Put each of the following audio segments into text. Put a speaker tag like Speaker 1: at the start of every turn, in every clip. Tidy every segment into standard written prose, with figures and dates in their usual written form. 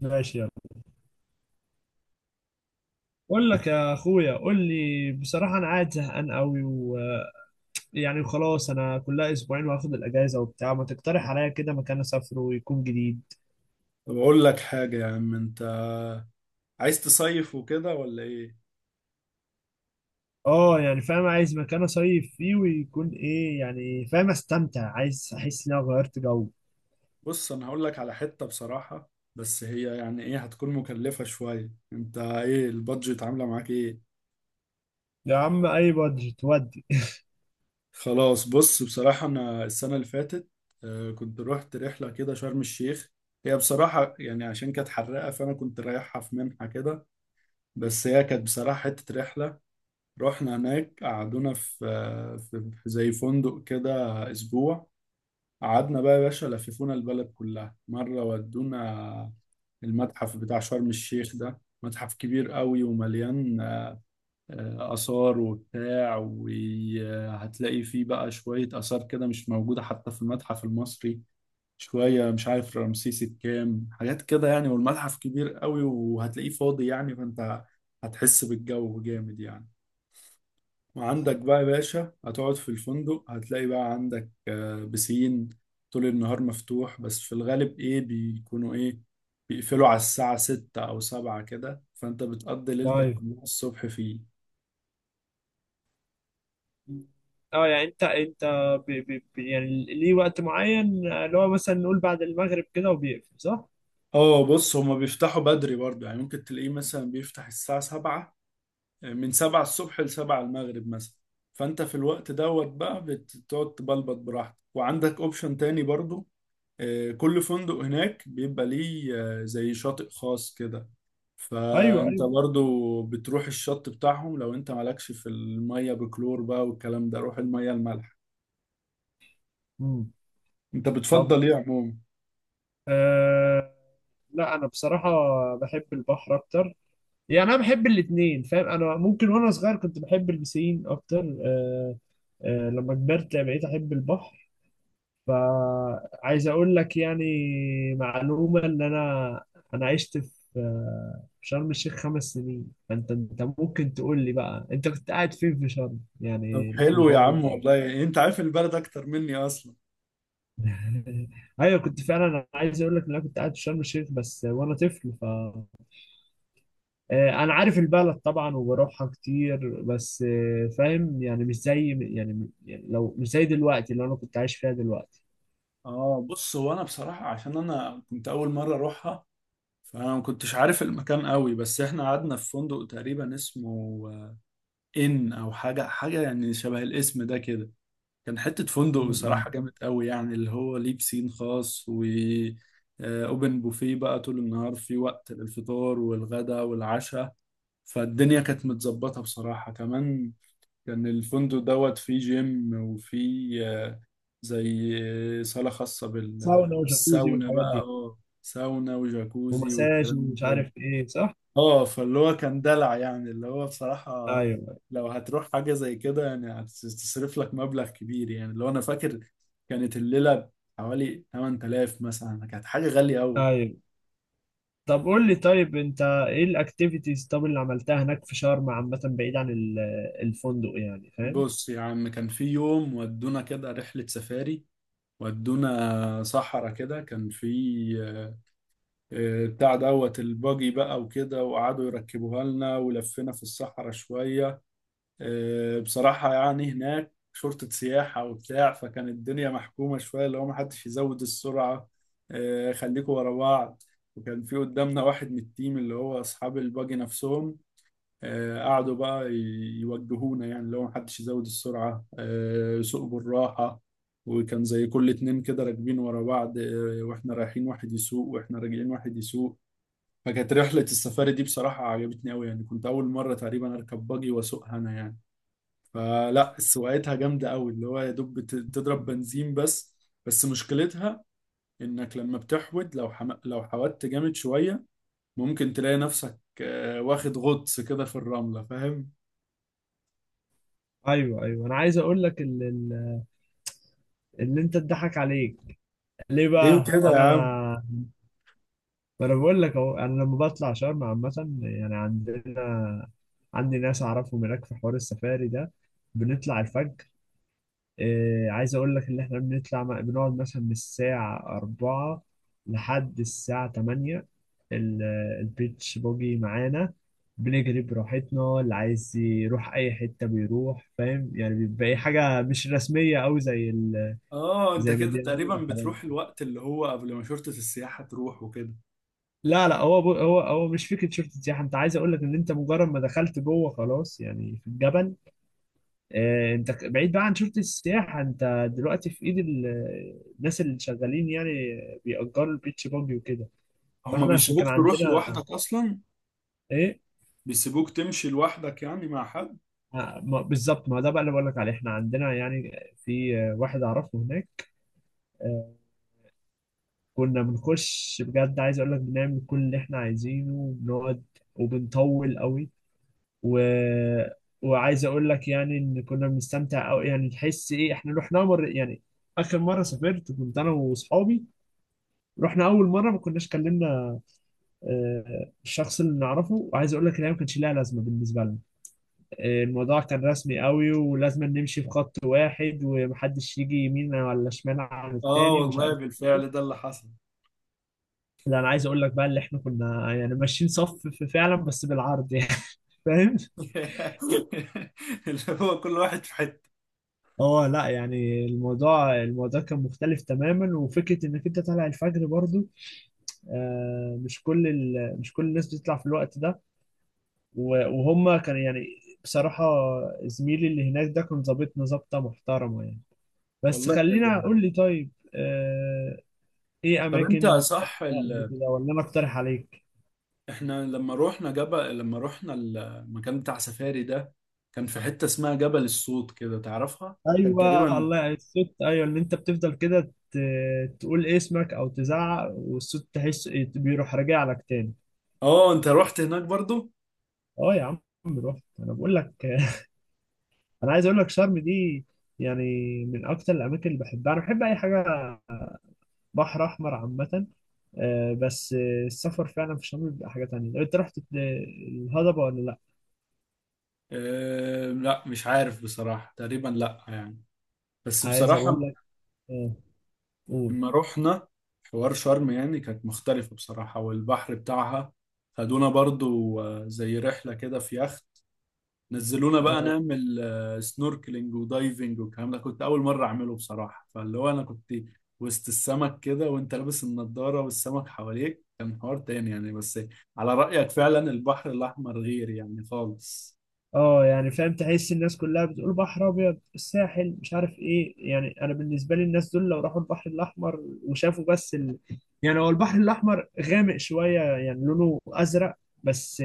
Speaker 1: ماشي يلا. بقول لك يا اخويا، قول لي بصراحه، انا قاعد زهقان قوي ويعني وخلاص، انا كلها اسبوعين واخد الاجازه وبتاع. ما تقترح عليا كده مكان اسافره ويكون جديد.
Speaker 2: طب اقول لك حاجة يا عم. انت عايز تصيف وكده ولا ايه؟
Speaker 1: اه يعني فاهم، عايز مكان اصيف فيه ويكون ايه، يعني فاهم استمتع، عايز احس ان انا غيرت جو.
Speaker 2: بص، انا هقول لك على حتة بصراحة، بس هي يعني ايه، هتكون مكلفة شوية. انت ايه البادجت عاملة معاك ايه؟
Speaker 1: يا عم اي بادجت ودي؟
Speaker 2: خلاص، بص بصراحة انا السنة اللي فاتت كنت رحت رحلة كده شرم الشيخ. هي بصراحة يعني عشان كانت حرقة، فانا كنت رايحها في منحة كده، بس هي كانت بصراحة حتة رحلة. رحنا هناك، قعدونا في زي فندق كده اسبوع. قعدنا بقى يا باشا، لففونا البلد كلها مرة، ودونا المتحف بتاع شرم الشيخ. ده متحف كبير قوي ومليان آثار وبتاع، وهتلاقي فيه بقى شوية آثار كده مش موجودة حتى في المتحف المصري. شوية مش عارف رمسيس الكام حاجات كده يعني، والمتحف كبير قوي وهتلاقيه فاضي يعني، فأنت هتحس بالجو جامد يعني. وعندك بقى يا باشا هتقعد في الفندق، هتلاقي بقى عندك بسين طول النهار مفتوح، بس في الغالب ايه بيكونوا ايه، بيقفلوا على الساعة ستة أو سبعة كده، فأنت بتقضي ليلتك
Speaker 1: طيب.
Speaker 2: كلها الصبح فيه.
Speaker 1: اه يعني انت ب ب ب يعني ليه وقت معين اللي هو مثلا نقول بعد المغرب كده وبيقفل، صح؟
Speaker 2: اه بص، هما بيفتحوا بدري برضه يعني، ممكن تلاقيه مثلا بيفتح الساعة سبعة، من سبعة الصبح لسبعة المغرب مثلا. فأنت في الوقت دوت بقى بتقعد تبلبط براحتك، وعندك اوبشن تاني برضه. كل فندق هناك بيبقى ليه زي شاطئ خاص كده،
Speaker 1: ايوه
Speaker 2: فانت
Speaker 1: ايوه.
Speaker 2: برضو بتروح الشط بتاعهم. لو انت مالكش في المية بكلور بقى والكلام ده، روح المية المالحة.
Speaker 1: مم.
Speaker 2: انت بتفضل ايه عموما؟
Speaker 1: أه، لا انا بصراحه بحب البحر اكتر. يعني انا بحب الاثنين فاهم، انا ممكن وانا صغير كنت بحب البسين اكتر. أه. أه، لما كبرت بقيت احب البحر. فعايز اقول لك يعني معلومه، ان انا عشت في شرم الشيخ 5 سنين. فانت ممكن تقول لي بقى، انت كنت قاعد فين في شرم؟
Speaker 2: طب
Speaker 1: يعني
Speaker 2: حلو يا عم،
Speaker 1: الكومباوند او.
Speaker 2: والله انت عارف البلد اكتر مني اصلا.
Speaker 1: ايوه كنت فعلا. انا عايز اقول لك ان انا كنت قاعد في شرم الشيخ بس وانا طفل. انا عارف البلد طبعا وبروحها كتير، بس فاهم يعني مش زي. يعني لو مش زي دلوقتي اللي انا كنت عايش فيها دلوقتي.
Speaker 2: اه بص، هو انا بصراحة عشان انا كنت اول مرة اروحها، فانا ما كنتش عارف المكان قوي، بس احنا قعدنا في فندق تقريبا اسمه آه، ان او حاجة، يعني شبه الاسم ده كده. كان حتة فندق
Speaker 1: م-
Speaker 2: بصراحة
Speaker 1: م.
Speaker 2: جامد قوي يعني، اللي هو ليه بسين خاص و اوبن بوفيه بقى طول النهار، في وقت للفطار والغداء والعشاء. فالدنيا كانت متظبطة بصراحة. كمان كان الفندق دوت فيه جيم، وفيه آه، زي آه، صالة خاصة
Speaker 1: ساونا وجاكوزي
Speaker 2: بالساونا
Speaker 1: والحاجات
Speaker 2: بقى.
Speaker 1: دي.
Speaker 2: اه، ساونا وجاكوزي
Speaker 1: ومساج
Speaker 2: والكلام ده
Speaker 1: ومش
Speaker 2: كله.
Speaker 1: عارف ايه، صح.
Speaker 2: اه، فاللي هو كان دلع يعني، اللي هو بصراحة
Speaker 1: ايوه
Speaker 2: لو هتروح حاجة زي كده يعني، هتصرف لك مبلغ كبير. يعني اللي هو أنا فاكر كانت الليلة حوالي 8000 مثلا، كانت حاجة غالية أوي.
Speaker 1: ايوه. طب قول لي، طيب انت ايه الاكتيفيتيز طب اللي عملتها هناك في شرم عامة، بعيد عن الفندق؟ يعني فاهم.
Speaker 2: بص يا عم، كان في يوم ودونا كده رحلة سفاري. ودونا صحرا كده، كان في آه، بتاع دوت الباجي بقى وكده، وقعدوا يركبوها لنا، ولفينا في الصحراء شوية. بصراحة يعني هناك شرطة سياحة وبتاع، فكان الدنيا محكومة شوية، اللي هو محدش يزود السرعة، خليكوا ورا بعض. وكان في قدامنا واحد من التيم اللي هو أصحاب الباجي نفسهم، قعدوا بقى يوجهونا، يعني اللي هو محدش يزود السرعة، سوق بالراحة. وكان زي كل اتنين كده راكبين ورا بعض، واحنا رايحين واحد يسوق، واحنا راجعين واحد يسوق. فكانت رحلة السفاري دي بصراحة عجبتني أوي، يعني كنت أول مرة تقريبا أركب باجي وأسوقها أنا يعني. فلا، سواقتها جامدة قوي، اللي هو يا دوب بتضرب بنزين بس. بس مشكلتها انك لما بتحود، لو لو حودت جامد شوية، ممكن تلاقي نفسك واخد غطس كده في الرملة، فاهم؟
Speaker 1: ايوه ايوه. انا عايز اقول لك اللي انت اتضحك عليك ليه
Speaker 2: ليه
Speaker 1: بقى،
Speaker 2: كده يا عم؟
Speaker 1: انا ما انا بقول لك اهو، انا لما بطلع شرم عامه يعني عندي ناس اعرفهم هناك في حوار السفاري ده. بنطلع الفجر. إيه، عايز اقول لك ان احنا بنقعد مثلا من الساعه 4 لحد الساعه 8. ال- البيتش بوجي معانا، بنجري براحتنا، اللي عايز يروح اي حته بيروح، فاهم يعني بيبقى أي حاجه مش رسميه او زي
Speaker 2: اه انت
Speaker 1: زي ما
Speaker 2: كده
Speaker 1: بيعملوا
Speaker 2: تقريبا
Speaker 1: الرحلات.
Speaker 2: بتروح الوقت اللي هو قبل ما شرطة السياحة تروح وكده.
Speaker 1: لا لا، هو بو هو هو مش فكره شرطه سياحه. انت عايز اقول لك ان انت مجرد ما دخلت جوه خلاص يعني في الجبل، انت بعيد بقى عن شرطه السياحه. انت دلوقتي في ايد الناس اللي شغالين يعني، بيأجروا البيتش باجي وكده.
Speaker 2: هما
Speaker 1: فاحنا عشان كان
Speaker 2: بيسيبوك تروح
Speaker 1: عندنا
Speaker 2: لوحدك اصلا؟
Speaker 1: ايه
Speaker 2: بيسيبوك تمشي لوحدك يعني مع حد؟
Speaker 1: آه، ما- بالظبط. ما ده بقى اللي بقول لك عليه. احنا عندنا يعني في واحد اعرفه هناك. آه، كنا بنخش بجد. عايز اقول لك بنعمل كل اللي احنا عايزينه وبنقعد وبنطول قوي و... وعايز اقول لك يعني ان كنا بنستمتع قوي، يعني تحس ايه احنا رحنا مره يعني. اخر مره سافرت كنت انا واصحابي، رحنا اول مره ما كناش كلمنا الشخص اللي نعرفه، وعايز اقول لك ان هي ما كانش لها لازمه بالنسبه لنا. الموضوع كان رسمي قوي، ولازم نمشي في خط واحد ومحدش يجي يمين ولا شمال عن
Speaker 2: اه
Speaker 1: التاني، مش
Speaker 2: والله،
Speaker 1: عارف ايه.
Speaker 2: بالفعل ده اللي حصل.
Speaker 1: لا انا عايز اقول لك بقى اللي احنا كنا يعني ماشيين صف فعلا، بس بالعرض يعني. فاهم.
Speaker 2: اللي هو كل واحد في حتة.
Speaker 1: اه لا يعني الموضوع كان مختلف تماما، وفكره انك انت طالع الفجر برضو. مش كل الناس بتطلع في الوقت ده. وهم كان يعني، بصراحه زميلي اللي هناك ده كان ظابطنا ظابطه محترمه يعني. بس
Speaker 2: والله حلو.
Speaker 1: خلينا اقول لي طيب، ايه
Speaker 2: طب انت
Speaker 1: اماكن
Speaker 2: صح
Speaker 1: رحتها قبل
Speaker 2: ال...
Speaker 1: كده ولا انا اقترح عليك؟
Speaker 2: احنا لما روحنا جبل، لما روحنا المكان بتاع سفاري ده، كان في حتة اسمها جبل الصوت كده، تعرفها؟ كان
Speaker 1: ايوه
Speaker 2: تقريبا،
Speaker 1: الله، يعني الصوت ايوه، ان انت بتفضل كده تقول اسمك او تزعق، والصوت تحس بيروح راجع لك تاني.
Speaker 2: اه انت رحت هناك برضو.
Speaker 1: اه يا عم، رحت. انا بقول لك. انا عايز اقول لك شرم دي يعني من اكتر الاماكن اللي بحبها. انا بحب اي حاجه بحر احمر عامه. بس السفر فعلا في شرم بيبقى حاجه تانية. لو انت رحت الهضبه ولا لا؟
Speaker 2: اه... لا مش عارف بصراحة، تقريبا لا يعني. بس
Speaker 1: عايز اقول
Speaker 2: بصراحة
Speaker 1: لك آه، قول
Speaker 2: لما روحنا حوار شرم، يعني كانت مختلفة بصراحة، والبحر بتاعها خدونا برضو زي رحلة كده في يخت. نزلونا بقى
Speaker 1: آه،
Speaker 2: نعمل سنوركلينج ودايفنج والكلام ده. كنت اول مره اعمله بصراحه، فاللي هو انا كنت وسط السمك كده، وانت لابس النضاره والسمك حواليك، كان حوار تاني يعني. بس على رايك فعلا، البحر الاحمر غير يعني خالص.
Speaker 1: اه يعني فاهم، تحس الناس كلها بتقول بحر ابيض، الساحل، مش عارف ايه. يعني انا بالنسبه لي الناس دول لو راحوا البحر الاحمر وشافوا بس يعني هو البحر الاحمر غامق شويه يعني لونه ازرق، بس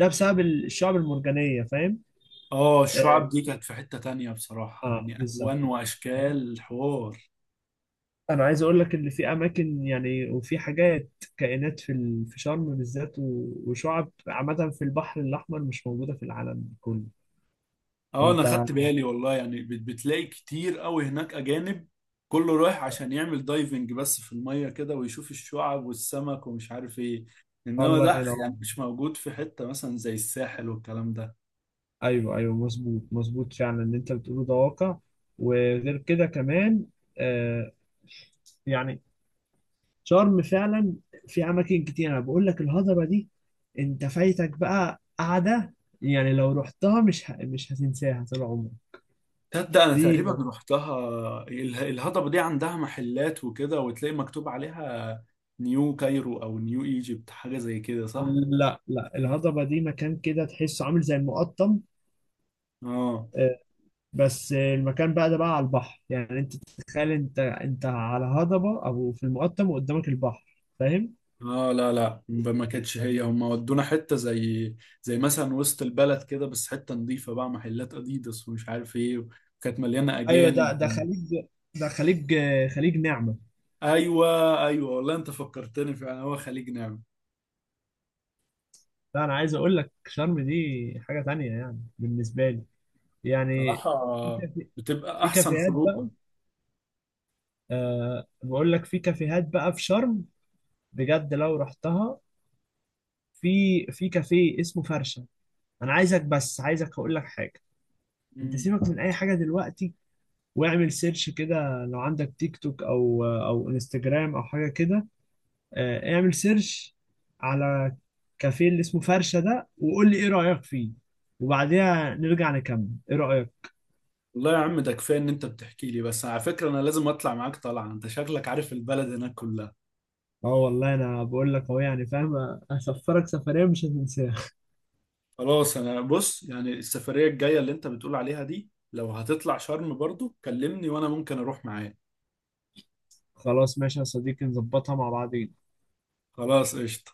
Speaker 1: ده بسبب الشعب المرجانيه، فاهم؟
Speaker 2: اه
Speaker 1: اه.
Speaker 2: الشعب دي كانت في حته تانية بصراحه، يعني
Speaker 1: بالظبط
Speaker 2: الوان
Speaker 1: بقى، فاهم؟
Speaker 2: واشكال حوار.
Speaker 1: انا عايز اقول لك ان في اماكن يعني وفي حاجات، كائنات في في شرم بالذات، وشعب عامه في البحر الاحمر مش موجوده في العالم كله.
Speaker 2: اه انا
Speaker 1: فانت.
Speaker 2: خدت بالي والله يعني، بتلاقي كتير قوي هناك اجانب، كله رايح عشان يعمل دايفنج بس في المية كده، ويشوف الشعب والسمك ومش عارف ايه. انما
Speaker 1: الله
Speaker 2: ده
Speaker 1: ينور.
Speaker 2: يعني مش موجود في حتة مثلا زي الساحل والكلام ده.
Speaker 1: ايوه ايوه مظبوط مظبوط، فعلا اللي انت بتقوله ده واقع. وغير كده كمان آه يعني شرم فعلا في اماكن كتير. انا بقول لك الهضبه دي انت فايتك بقى قعده، يعني لو رحتها مش هتنساها طول عمرك.
Speaker 2: تصدق انا تقريبا
Speaker 1: في
Speaker 2: رحتها. الهضبة دي عندها محلات وكده، وتلاقي مكتوب عليها نيو كايرو او نيو ايجيبت، حاجة زي كده صح؟
Speaker 1: لا لا، الهضبه دي مكان كده تحسه عامل زي المقطم.
Speaker 2: اه،
Speaker 1: آه، بس المكان بقى ده بقى على البحر، يعني انت تتخيل انت على هضبه او في المقطم وقدامك البحر، فاهم.
Speaker 2: اه لا لا، ما كانتش هي. هم ودونا حته زي زي مثلا وسط البلد كده، بس حته نظيفه بقى، محلات اديداس ومش عارف ايه، وكانت مليانه
Speaker 1: ايوه، ده
Speaker 2: اجانب.
Speaker 1: ده خليج، ده خليج نعمه.
Speaker 2: ايوه ايوه، والله انت فكرتني، فعلا هو خليج نعمه.
Speaker 1: لا انا عايز اقول لك شرم دي حاجه تانية يعني بالنسبه لي. يعني في
Speaker 2: بصراحه
Speaker 1: كافي
Speaker 2: بتبقى
Speaker 1: في
Speaker 2: احسن
Speaker 1: كافيهات بقى.
Speaker 2: خروجه.
Speaker 1: بقول لك في كافيهات بقى في شرم، بجد لو رحتها، في كافيه اسمه فرشه. انا عايزك، بس عايزك اقول لك حاجه، انت
Speaker 2: مم.
Speaker 1: سيبك من اي حاجه دلوقتي واعمل سيرش كده. لو عندك تيك توك او انستجرام او حاجه كده، اعمل سيرش على كافيه اللي اسمه فرشة ده، وقول لي ايه رأيك فيه، وبعديها نرجع نكمل. ايه رأيك؟
Speaker 2: والله يا عم، ده كفايه ان انت بتحكي لي. بس على فكره انا لازم اطلع معاك طلعه، انت شكلك عارف البلد هناك كلها.
Speaker 1: اه والله انا بقول لك اهو، يعني فاهم هسفرك سفرية مش هتنساها.
Speaker 2: خلاص، انا بص يعني السفريه الجايه اللي انت بتقول عليها دي، لو هتطلع شرم برضو كلمني وانا ممكن اروح معاك.
Speaker 1: خلاص ماشي يا صديقي، نظبطها مع بعض.
Speaker 2: خلاص قشطة.